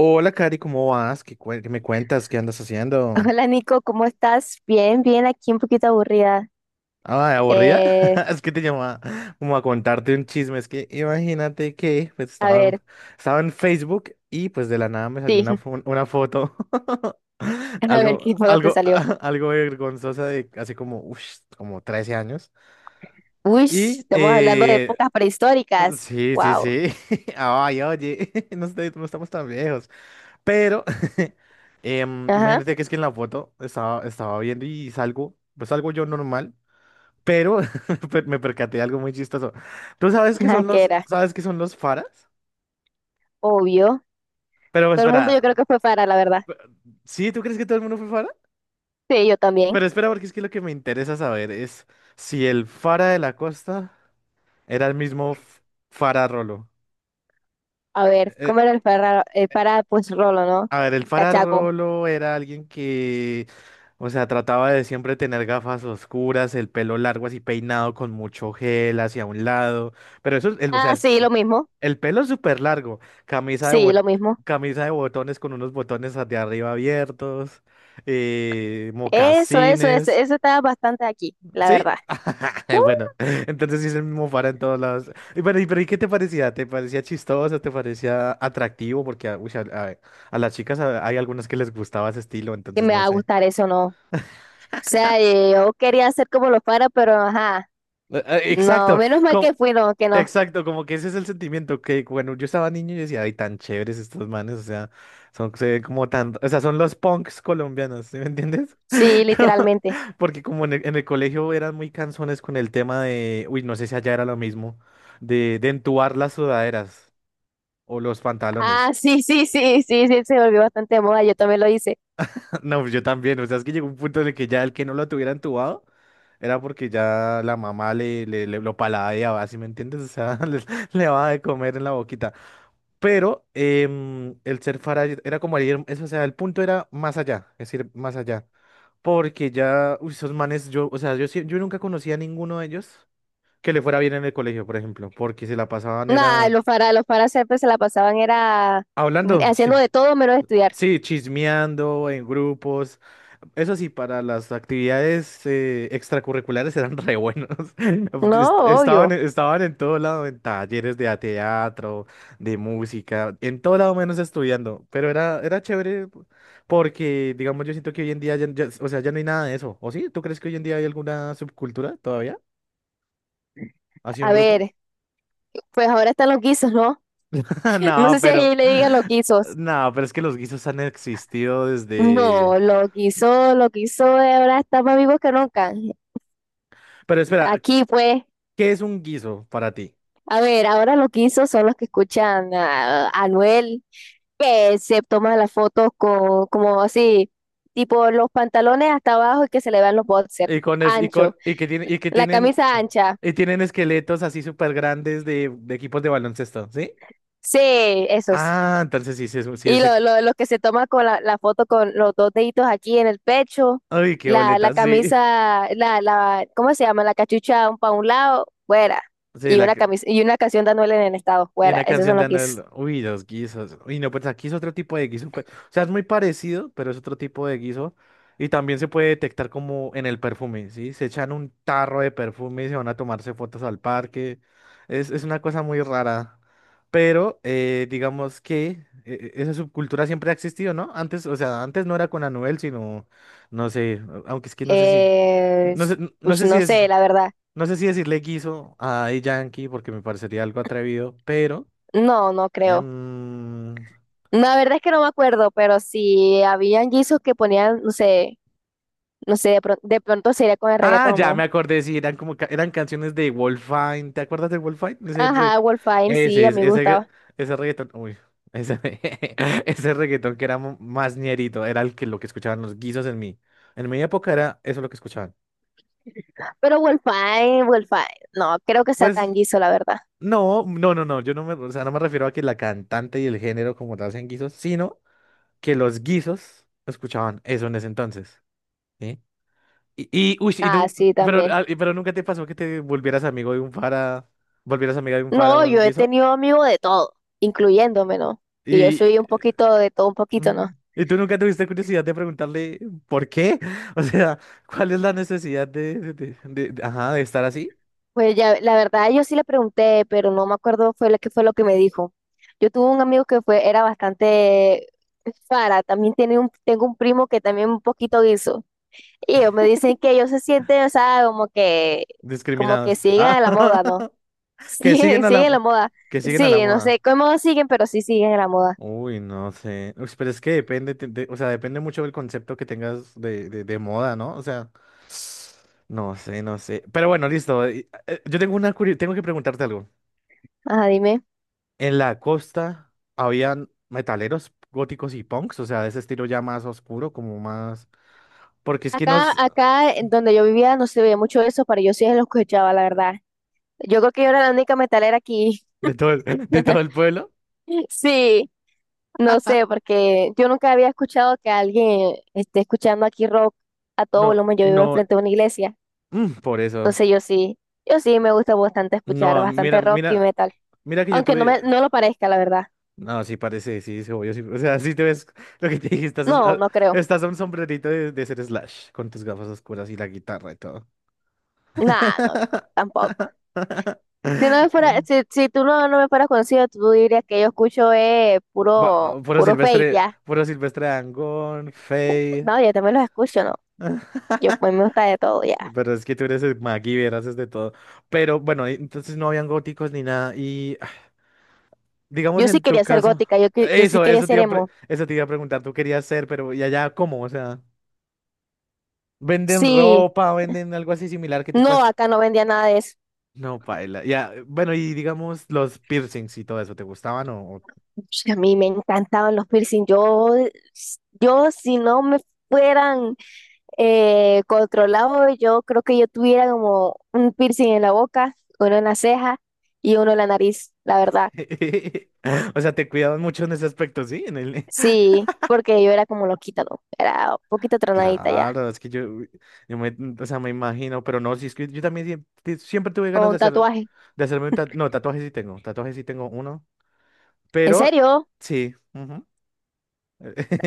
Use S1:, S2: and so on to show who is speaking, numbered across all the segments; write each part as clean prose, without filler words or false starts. S1: Hola, Cari, ¿cómo vas? ¿Qué me cuentas? ¿Qué andas haciendo?
S2: Hola Nico, ¿cómo estás? Bien, bien, aquí un poquito aburrida.
S1: Ah, ¿aburrida?
S2: Eh,
S1: Es que te llamaba como a contarte un chisme. Es que imagínate que
S2: a ver,
S1: estaba en Facebook y pues de la nada me salió
S2: sí,
S1: una foto.
S2: a ver
S1: Algo,
S2: qué juego te
S1: algo,
S2: salió.
S1: algo vergonzosa de hace como, ush, como 13 años.
S2: Uy,
S1: Y
S2: estamos hablando de
S1: eh,
S2: épocas prehistóricas.
S1: sí, sí,
S2: Wow.
S1: sí. Ay, oye, no estamos tan viejos. Pero
S2: Ajá,
S1: imagínate que es que en la foto estaba viendo y salgo, pues salgo yo normal, pero me percaté de algo muy chistoso. ¿Tú sabes qué
S2: ajá,
S1: son
S2: ¿qué
S1: los,
S2: era?
S1: Sabes qué son los faras?
S2: Obvio.
S1: Pero
S2: Todo el mundo yo creo
S1: espera,
S2: que fue para, la verdad.
S1: pe- ¿sí? ¿Tú crees que todo el mundo fue fara?
S2: Sí, yo también.
S1: Pero espera, porque es que lo que me interesa saber es si el fara de la costa era el fara Rolo.
S2: A ver, ¿cómo era el para? El para, pues Rolo, ¿no?
S1: A ver, el
S2: Cachaco.
S1: fararolo era alguien que, o sea, trataba de siempre tener gafas oscuras, el pelo largo así peinado con mucho gel hacia un lado, pero eso, el, o sea,
S2: Ah,
S1: el,
S2: sí,
S1: pe-
S2: lo mismo.
S1: el pelo súper largo, camisa de,
S2: Sí, lo
S1: bot-
S2: mismo.
S1: camisa de botones con unos botones de arriba abiertos,
S2: Eso, eso, eso,
S1: mocasines.
S2: eso estaba bastante aquí, la
S1: ¿Sí?
S2: verdad. Uh,
S1: Bueno, entonces sí es el mismo fara en todos lados. Y bueno, ¿y qué te parecía? ¿Te parecía chistoso? ¿Te parecía atractivo? Porque ah, uy, a las chicas hay algunas que les gustaba ese estilo,
S2: que
S1: entonces
S2: me
S1: no
S2: va a
S1: sé.
S2: gustar eso, ¿no? O sea, yo quería hacer como los para, pero ajá. No,
S1: Exacto.
S2: menos mal que
S1: como-
S2: fui, no, que no.
S1: Exacto, como que ese es el sentimiento que bueno yo estaba niño y yo decía, ay, tan chéveres estos manes, o sea, son se ven como tan, o sea, son los punks colombianos, ¿sí me entiendes?
S2: Sí,
S1: Como...
S2: literalmente.
S1: Porque como en el colegio eran muy cansones con el tema de, uy, no sé si allá era lo mismo, de entubar las sudaderas o los
S2: Ah,
S1: pantalones.
S2: sí, sí, sí, sí, sí, se volvió bastante de moda, yo también lo hice.
S1: No, pues yo también, o sea, es que llegó un punto en el que ya el que no lo tuviera entubado era porque ya la mamá lo paladeaba, ¿sí me entiendes? O sea, le daba de comer en la boquita. Pero el ser Faraday era como ir, eso, o sea, el punto era más allá, es decir, más allá. Porque ya, uy, esos manes, yo, o sea, yo nunca conocía a ninguno de ellos que le fuera bien en el colegio, por ejemplo, porque se la pasaban
S2: Nah,
S1: era
S2: los faras siempre se la pasaban, era
S1: hablando. Sí.
S2: haciendo de todo menos estudiar.
S1: Sí, chismeando en grupos. Eso sí, para las actividades extracurriculares eran re buenos.
S2: No,
S1: Estaban,
S2: obvio.
S1: estaban en todo lado, en teatro, de música, en todo lado menos estudiando. Pero era, era chévere porque, digamos, yo siento que hoy en día, o sea, ya no hay nada de eso. ¿O sí? ¿Tú crees que hoy en día hay alguna subcultura todavía? ¿Así un
S2: A
S1: grupo?
S2: ver, pues ahora están los guisos, ¿no? No
S1: No,
S2: sé si
S1: pero...
S2: ahí le digan los guisos.
S1: No, pero es que los guisos han existido desde...
S2: No, lo quiso, ahora está más vivos que nunca.
S1: Pero espera,
S2: Aquí, pues,
S1: ¿qué es un guiso para ti?
S2: a ver, ahora lo quiso son los que escuchan a Anuel, que se toma las fotos con, como así, tipo los pantalones hasta abajo y que se le vean los boxers,
S1: Y con es- y con-
S2: ancho,
S1: y que tiene, Y que
S2: la
S1: tienen
S2: camisa ancha,
S1: y tienen esqueletos así súper grandes de equipos de baloncesto, ¿sí?
S2: sí, esos.
S1: Ah, entonces sí, sí,
S2: Y
S1: es...
S2: lo que se toma con la, la foto con los dos deditos aquí en el pecho,
S1: Ay, qué
S2: la,
S1: boleta,
S2: la
S1: sí.
S2: camisa, la, ¿cómo se llama? La cachucha un pa' un lado, fuera.
S1: Sí,
S2: Y
S1: la,
S2: una camisa, y una canción de en el estado,
S1: y
S2: fuera.
S1: una
S2: Esos
S1: canción
S2: son
S1: de
S2: los que es.
S1: Anuel, uy, los guisos. Uy, no, pues aquí es otro tipo de guiso, pues, o sea, es muy parecido, pero es otro tipo de guiso. Y también se puede detectar como en el perfume, ¿sí? Se echan un tarro de perfume y se van a tomarse fotos al parque. Es una cosa muy rara. Pero digamos que esa subcultura siempre ha existido, ¿no? Antes, o sea, antes no era con Anuel, sino, no sé, aunque es que no sé si,
S2: Eh,
S1: no sé, no
S2: pues
S1: sé si
S2: no
S1: es,
S2: sé, la verdad.
S1: no sé si decirle guiso a Daddy Yankee porque me parecería algo atrevido, pero...
S2: No, no creo.
S1: Em,
S2: La verdad es que no me acuerdo, pero si habían guisos que ponían, no sé, no sé, de, de pronto sería con el
S1: Ah,
S2: reggaetón,
S1: ya me
S2: ¿no?
S1: acordé, sí, eran eran canciones de Wolfine. ¿Te acuerdas de Wolfine?
S2: Ajá, Wolfine, sí,
S1: Ese,
S2: a
S1: es-
S2: mí me
S1: ese, re-
S2: gustaba.
S1: Ese reggaetón. Uy, ese, ese reggaetón que era más ñerito, era el que lo que escuchaban los guisos en mi... En mi época era eso lo que escuchaban.
S2: Pero Wolfine, Wolfine, no, creo que sea
S1: Pues
S2: tan guiso, la verdad.
S1: no, no, no, no. Yo no me, o sea, no me refiero a que la cantante y el género como tal sean guisos, sino que los guisos escuchaban eso en ese entonces. ¿Sí? Y, y, uy, y
S2: Ah,
S1: nun-
S2: sí,
S1: pero,
S2: también.
S1: ah, pero nunca te pasó que te volvieras amigo de un fara, volvieras amiga de un fara
S2: No,
S1: o un
S2: yo he
S1: guiso.
S2: tenido amigos de todo, incluyéndome, ¿no? Que yo
S1: Y,
S2: soy un poquito de todo, un poquito,
S1: mm,
S2: ¿no?
S1: y tú nunca tuviste curiosidad de preguntarle por qué. O sea, ¿cuál es la necesidad de, ajá, de estar así?
S2: Pues ya, la verdad, yo sí le pregunté, pero no me acuerdo fue lo que me dijo. Yo tuve un amigo que fue, era bastante Fara, también tiene un, tengo un primo que también un poquito guiso. Y ellos me dicen que ellos se sienten, o sea, como que
S1: Discriminados.
S2: siguen a
S1: Ah,
S2: la moda, ¿no?
S1: que
S2: Siguen,
S1: siguen a la,
S2: siguen la
S1: mo-
S2: moda.
S1: que siguen a la
S2: Sí, no
S1: moda.
S2: sé cómo siguen, pero sí siguen la moda.
S1: Uy, no sé. Uy, pero es que depende, o sea, depende mucho del concepto que tengas de moda, ¿no? O sea, no sé, no sé. Pero bueno, listo. Yo tengo una tengo que preguntarte algo.
S2: Ajá, dime.
S1: En la costa habían metaleros góticos y punks, o sea, de ese estilo ya más oscuro, como más. Porque es que
S2: Acá,
S1: nos...
S2: acá en donde yo vivía no se veía mucho eso, pero yo sí lo escuchaba, la verdad. Yo creo que yo era la única metalera aquí.
S1: De todo el, de todo el pueblo.
S2: Sí, no sé, porque yo nunca había escuchado que alguien esté escuchando aquí rock a todo
S1: No,
S2: volumen. Yo vivo al
S1: no,
S2: frente de una iglesia.
S1: mm, por eso.
S2: Entonces yo sí, yo sí me gusta bastante escuchar
S1: No, mira,
S2: bastante rock y
S1: mira,
S2: metal.
S1: mira que yo
S2: Aunque no
S1: tuve.
S2: me, no lo parezca, la verdad.
S1: No, sí parece, sí, sí, obvio, sí. O sea, sí te ves lo que te dije,
S2: No, no creo.
S1: estás a un sombrerito de ser Slash, con tus gafas oscuras y la guitarra y todo.
S2: Nah, no, no, tampoco. Si no me fuera,
S1: Bueno,
S2: si, si tú no, no me fueras conocido, tú dirías que yo escucho puro,
S1: puro
S2: puro fake
S1: Silvestre,
S2: ya.
S1: puro Silvestre Dangond, Faye.
S2: No, yo también los escucho, no. Yo a mí me gusta de todo ya.
S1: Pero es que tú eres el MacGyver, haces de todo. Pero bueno, entonces no habían góticos ni nada. Y ah, digamos
S2: Yo sí
S1: en tu
S2: quería ser
S1: caso,
S2: gótica, yo, yo sí
S1: eso,
S2: quería
S1: eso te
S2: ser
S1: iba a, pre-
S2: emo.
S1: eso te iba a preguntar, tú querías ser, pero ¿y allá cómo? O sea. Venden
S2: Sí,
S1: ropa, venden algo así similar que tú
S2: no,
S1: puedas.
S2: acá no vendía nada de eso.
S1: No, paila. Ya, bueno, y digamos los piercings y todo eso, ¿te gustaban o...? O...
S2: Sí, a mí me encantaban los piercing. Yo si no me fueran controlados, yo creo que yo tuviera como un piercing en la boca, uno en la ceja y uno en la nariz, la verdad.
S1: O sea, te cuidaban mucho en ese aspecto, sí, en el...
S2: Sí, porque yo era como loquita, ¿no? Era un poquito tronadita ya,
S1: Claro, es que yo me, o sea, me imagino, pero no, si es que yo también siempre tuve
S2: con
S1: ganas de
S2: un
S1: hacer,
S2: tatuaje.
S1: de hacerme un tatuaje, no, tatuajes sí tengo uno,
S2: ¿En
S1: pero
S2: serio?
S1: sí, ujú.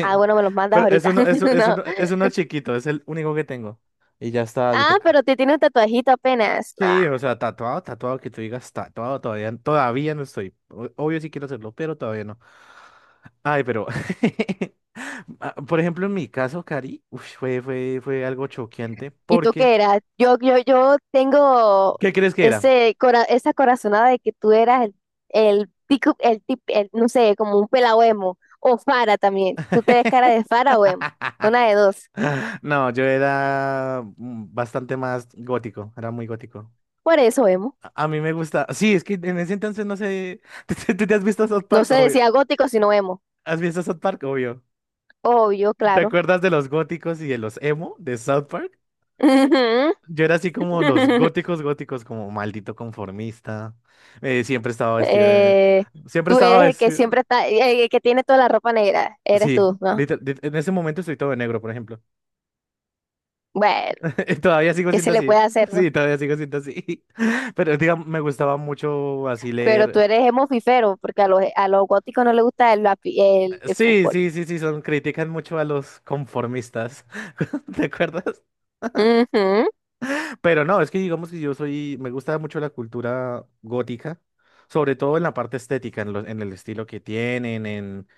S2: Ah, bueno, me los mandas
S1: Pero es
S2: ahorita.
S1: uno, es,
S2: No.
S1: es uno chiquito, es el único que tengo. Y ya está, ya
S2: Ah,
S1: toca.
S2: pero te tiene un tatuajito apenas. No,
S1: Sí, o sea, tatuado, tatuado, que tú digas tatuado, todavía, todavía no estoy. O... Obvio sí quiero hacerlo, pero todavía no. Ay, pero, ah, por ejemplo, en mi caso, Cari, uy, fue algo choqueante
S2: ¿y tú
S1: porque,
S2: qué eras? Yo tengo
S1: ¿qué crees que era?
S2: ese esa corazonada de que tú eras el pico, el tip, el, no sé, como un pelao emo, o Fara también. Tú te ves cara de Fara o emo, una de dos.
S1: No, yo era mm, bastante más gótico, era muy gótico.
S2: Por eso emo.
S1: A mí me gusta, sí, es que en ese entonces no sé, ¿ tú te has visto South
S2: No
S1: Park,
S2: se
S1: obvio?
S2: decía gótico, sino emo.
S1: ¿Has visto South Park, obvio?
S2: Obvio,
S1: ¿Te
S2: claro.
S1: acuerdas de los góticos y de los emo de South Park?
S2: Ujú.
S1: Yo era así como los góticos góticos, como maldito conformista. Siempre estaba vestido de...
S2: Eh,
S1: Siempre
S2: Tú
S1: estaba
S2: eres el que
S1: vestido...
S2: siempre está, el que tiene toda la ropa negra, eres
S1: Sí,
S2: tú, ¿no?
S1: en ese momento estoy todo de negro, por ejemplo.
S2: Bueno,
S1: Todavía sigo
S2: ¿qué se
S1: siendo
S2: le puede
S1: así.
S2: hacer, ¿no?
S1: Sí, todavía sigo siendo así. Pero digamos, me gustaba mucho así
S2: Pero tú
S1: leer.
S2: eres hemofifero, porque a los góticos no les gusta el, el
S1: Sí,
S2: fútbol.
S1: sí, sí, sí, son critican mucho a los conformistas. ¿Te acuerdas?
S2: Ujú.
S1: Pero no, es que digamos que yo soy, me gusta mucho la cultura gótica, sobre todo en la parte estética, en el estilo que tienen,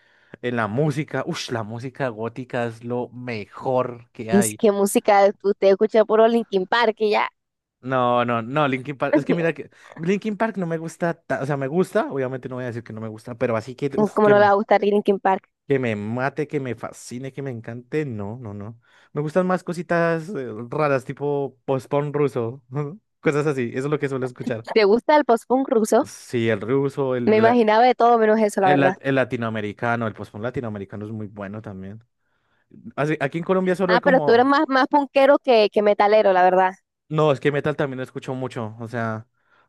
S1: en la música. Ush, la música gótica es lo mejor que
S2: Dice,
S1: hay.
S2: ¿qué música? Usted escucha puro Linkin Park y ya.
S1: No, no, no, Linkin Park, es que mira que Linkin Park no me gusta, o sea, me gusta, obviamente no voy a decir que no me gusta, pero así que, uf,
S2: ¿Cómo no le va a gustar Linkin Park?
S1: que me mate, que me fascine, que me encante, no, no, no. Me gustan más cositas raras, tipo post-punk ruso, cosas así, eso es lo que suelo escuchar.
S2: ¿Te gusta el post-punk ruso?
S1: Sí, el ruso,
S2: Me imaginaba de todo menos eso, la verdad.
S1: el latinoamericano, el post latinoamericano es muy bueno también. Así... aquí en Colombia solo
S2: Ah,
S1: hay
S2: pero tú eres
S1: como...
S2: más, más punkero que metalero, la verdad.
S1: No, es que metal también lo escucho mucho, o sea,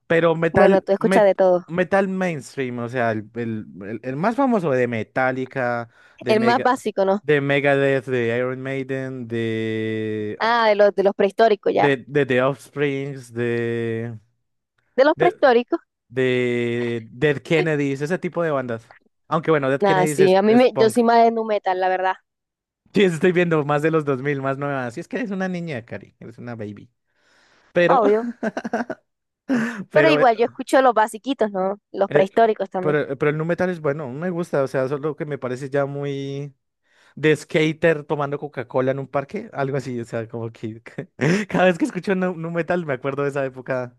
S1: pero
S2: Bueno, tú escuchas de todo.
S1: metal mainstream, o sea, el más famoso de Metallica, de
S2: El más
S1: Mega,
S2: básico, ¿no?
S1: de Megadeth, de Iron Maiden,
S2: Ah, de los prehistóricos, ya.
S1: de The Offsprings,
S2: ¿De los
S1: de,
S2: prehistóricos?
S1: de Dead Kennedys, ese tipo de bandas. Aunque bueno, Dead
S2: Nada,
S1: Kennedys
S2: sí, a mí
S1: es
S2: me, yo
S1: punk.
S2: soy más de nu metal, la verdad.
S1: Sí, estoy viendo más de los 2000, más nuevas. Sí, es que eres una niña, Cari, eres una baby. Pero,
S2: Obvio. Pero
S1: pero, eh,
S2: igual, yo escucho los basiquitos, ¿no? Los
S1: eh,
S2: prehistóricos también.
S1: pero el nu metal es bueno, me gusta, o sea, solo que me parece ya muy de skater tomando Coca-Cola en un parque, algo así, o sea, como que cada vez que escucho nu metal me acuerdo de esa época,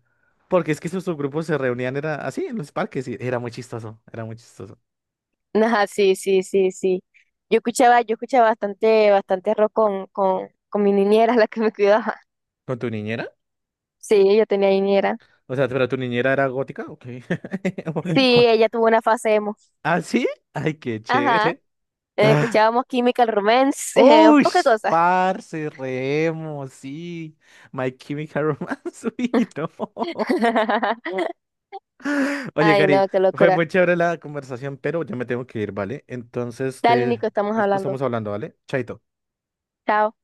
S1: porque es que esos subgrupos se reunían, era así, en los parques, y era muy chistoso, era muy chistoso.
S2: Ajá, sí, sí, sí, sí. Yo escuchaba bastante, bastante rock con mi niñera, la que me cuidaba.
S1: ¿Con tu niñera?
S2: Sí, ella tenía niñera.
S1: O sea, pero tu niñera era gótica, ok.
S2: Sí, ella tuvo una fase emo.
S1: Ah, sí, ay, qué
S2: Ajá.
S1: chévere.
S2: Escuchábamos Chemical Romance,
S1: Uy,
S2: poca cosa.
S1: parce, Remo, sí. My Chemical Romance, uy, no. Oye,
S2: Ay,
S1: Cari,
S2: no, qué
S1: fue
S2: locura.
S1: muy chévere la conversación, pero ya me tengo que ir, ¿vale? Entonces,
S2: Dale,
S1: te...
S2: Nico, estamos
S1: estamos
S2: hablando.
S1: hablando, ¿vale? Chaito.
S2: Chao.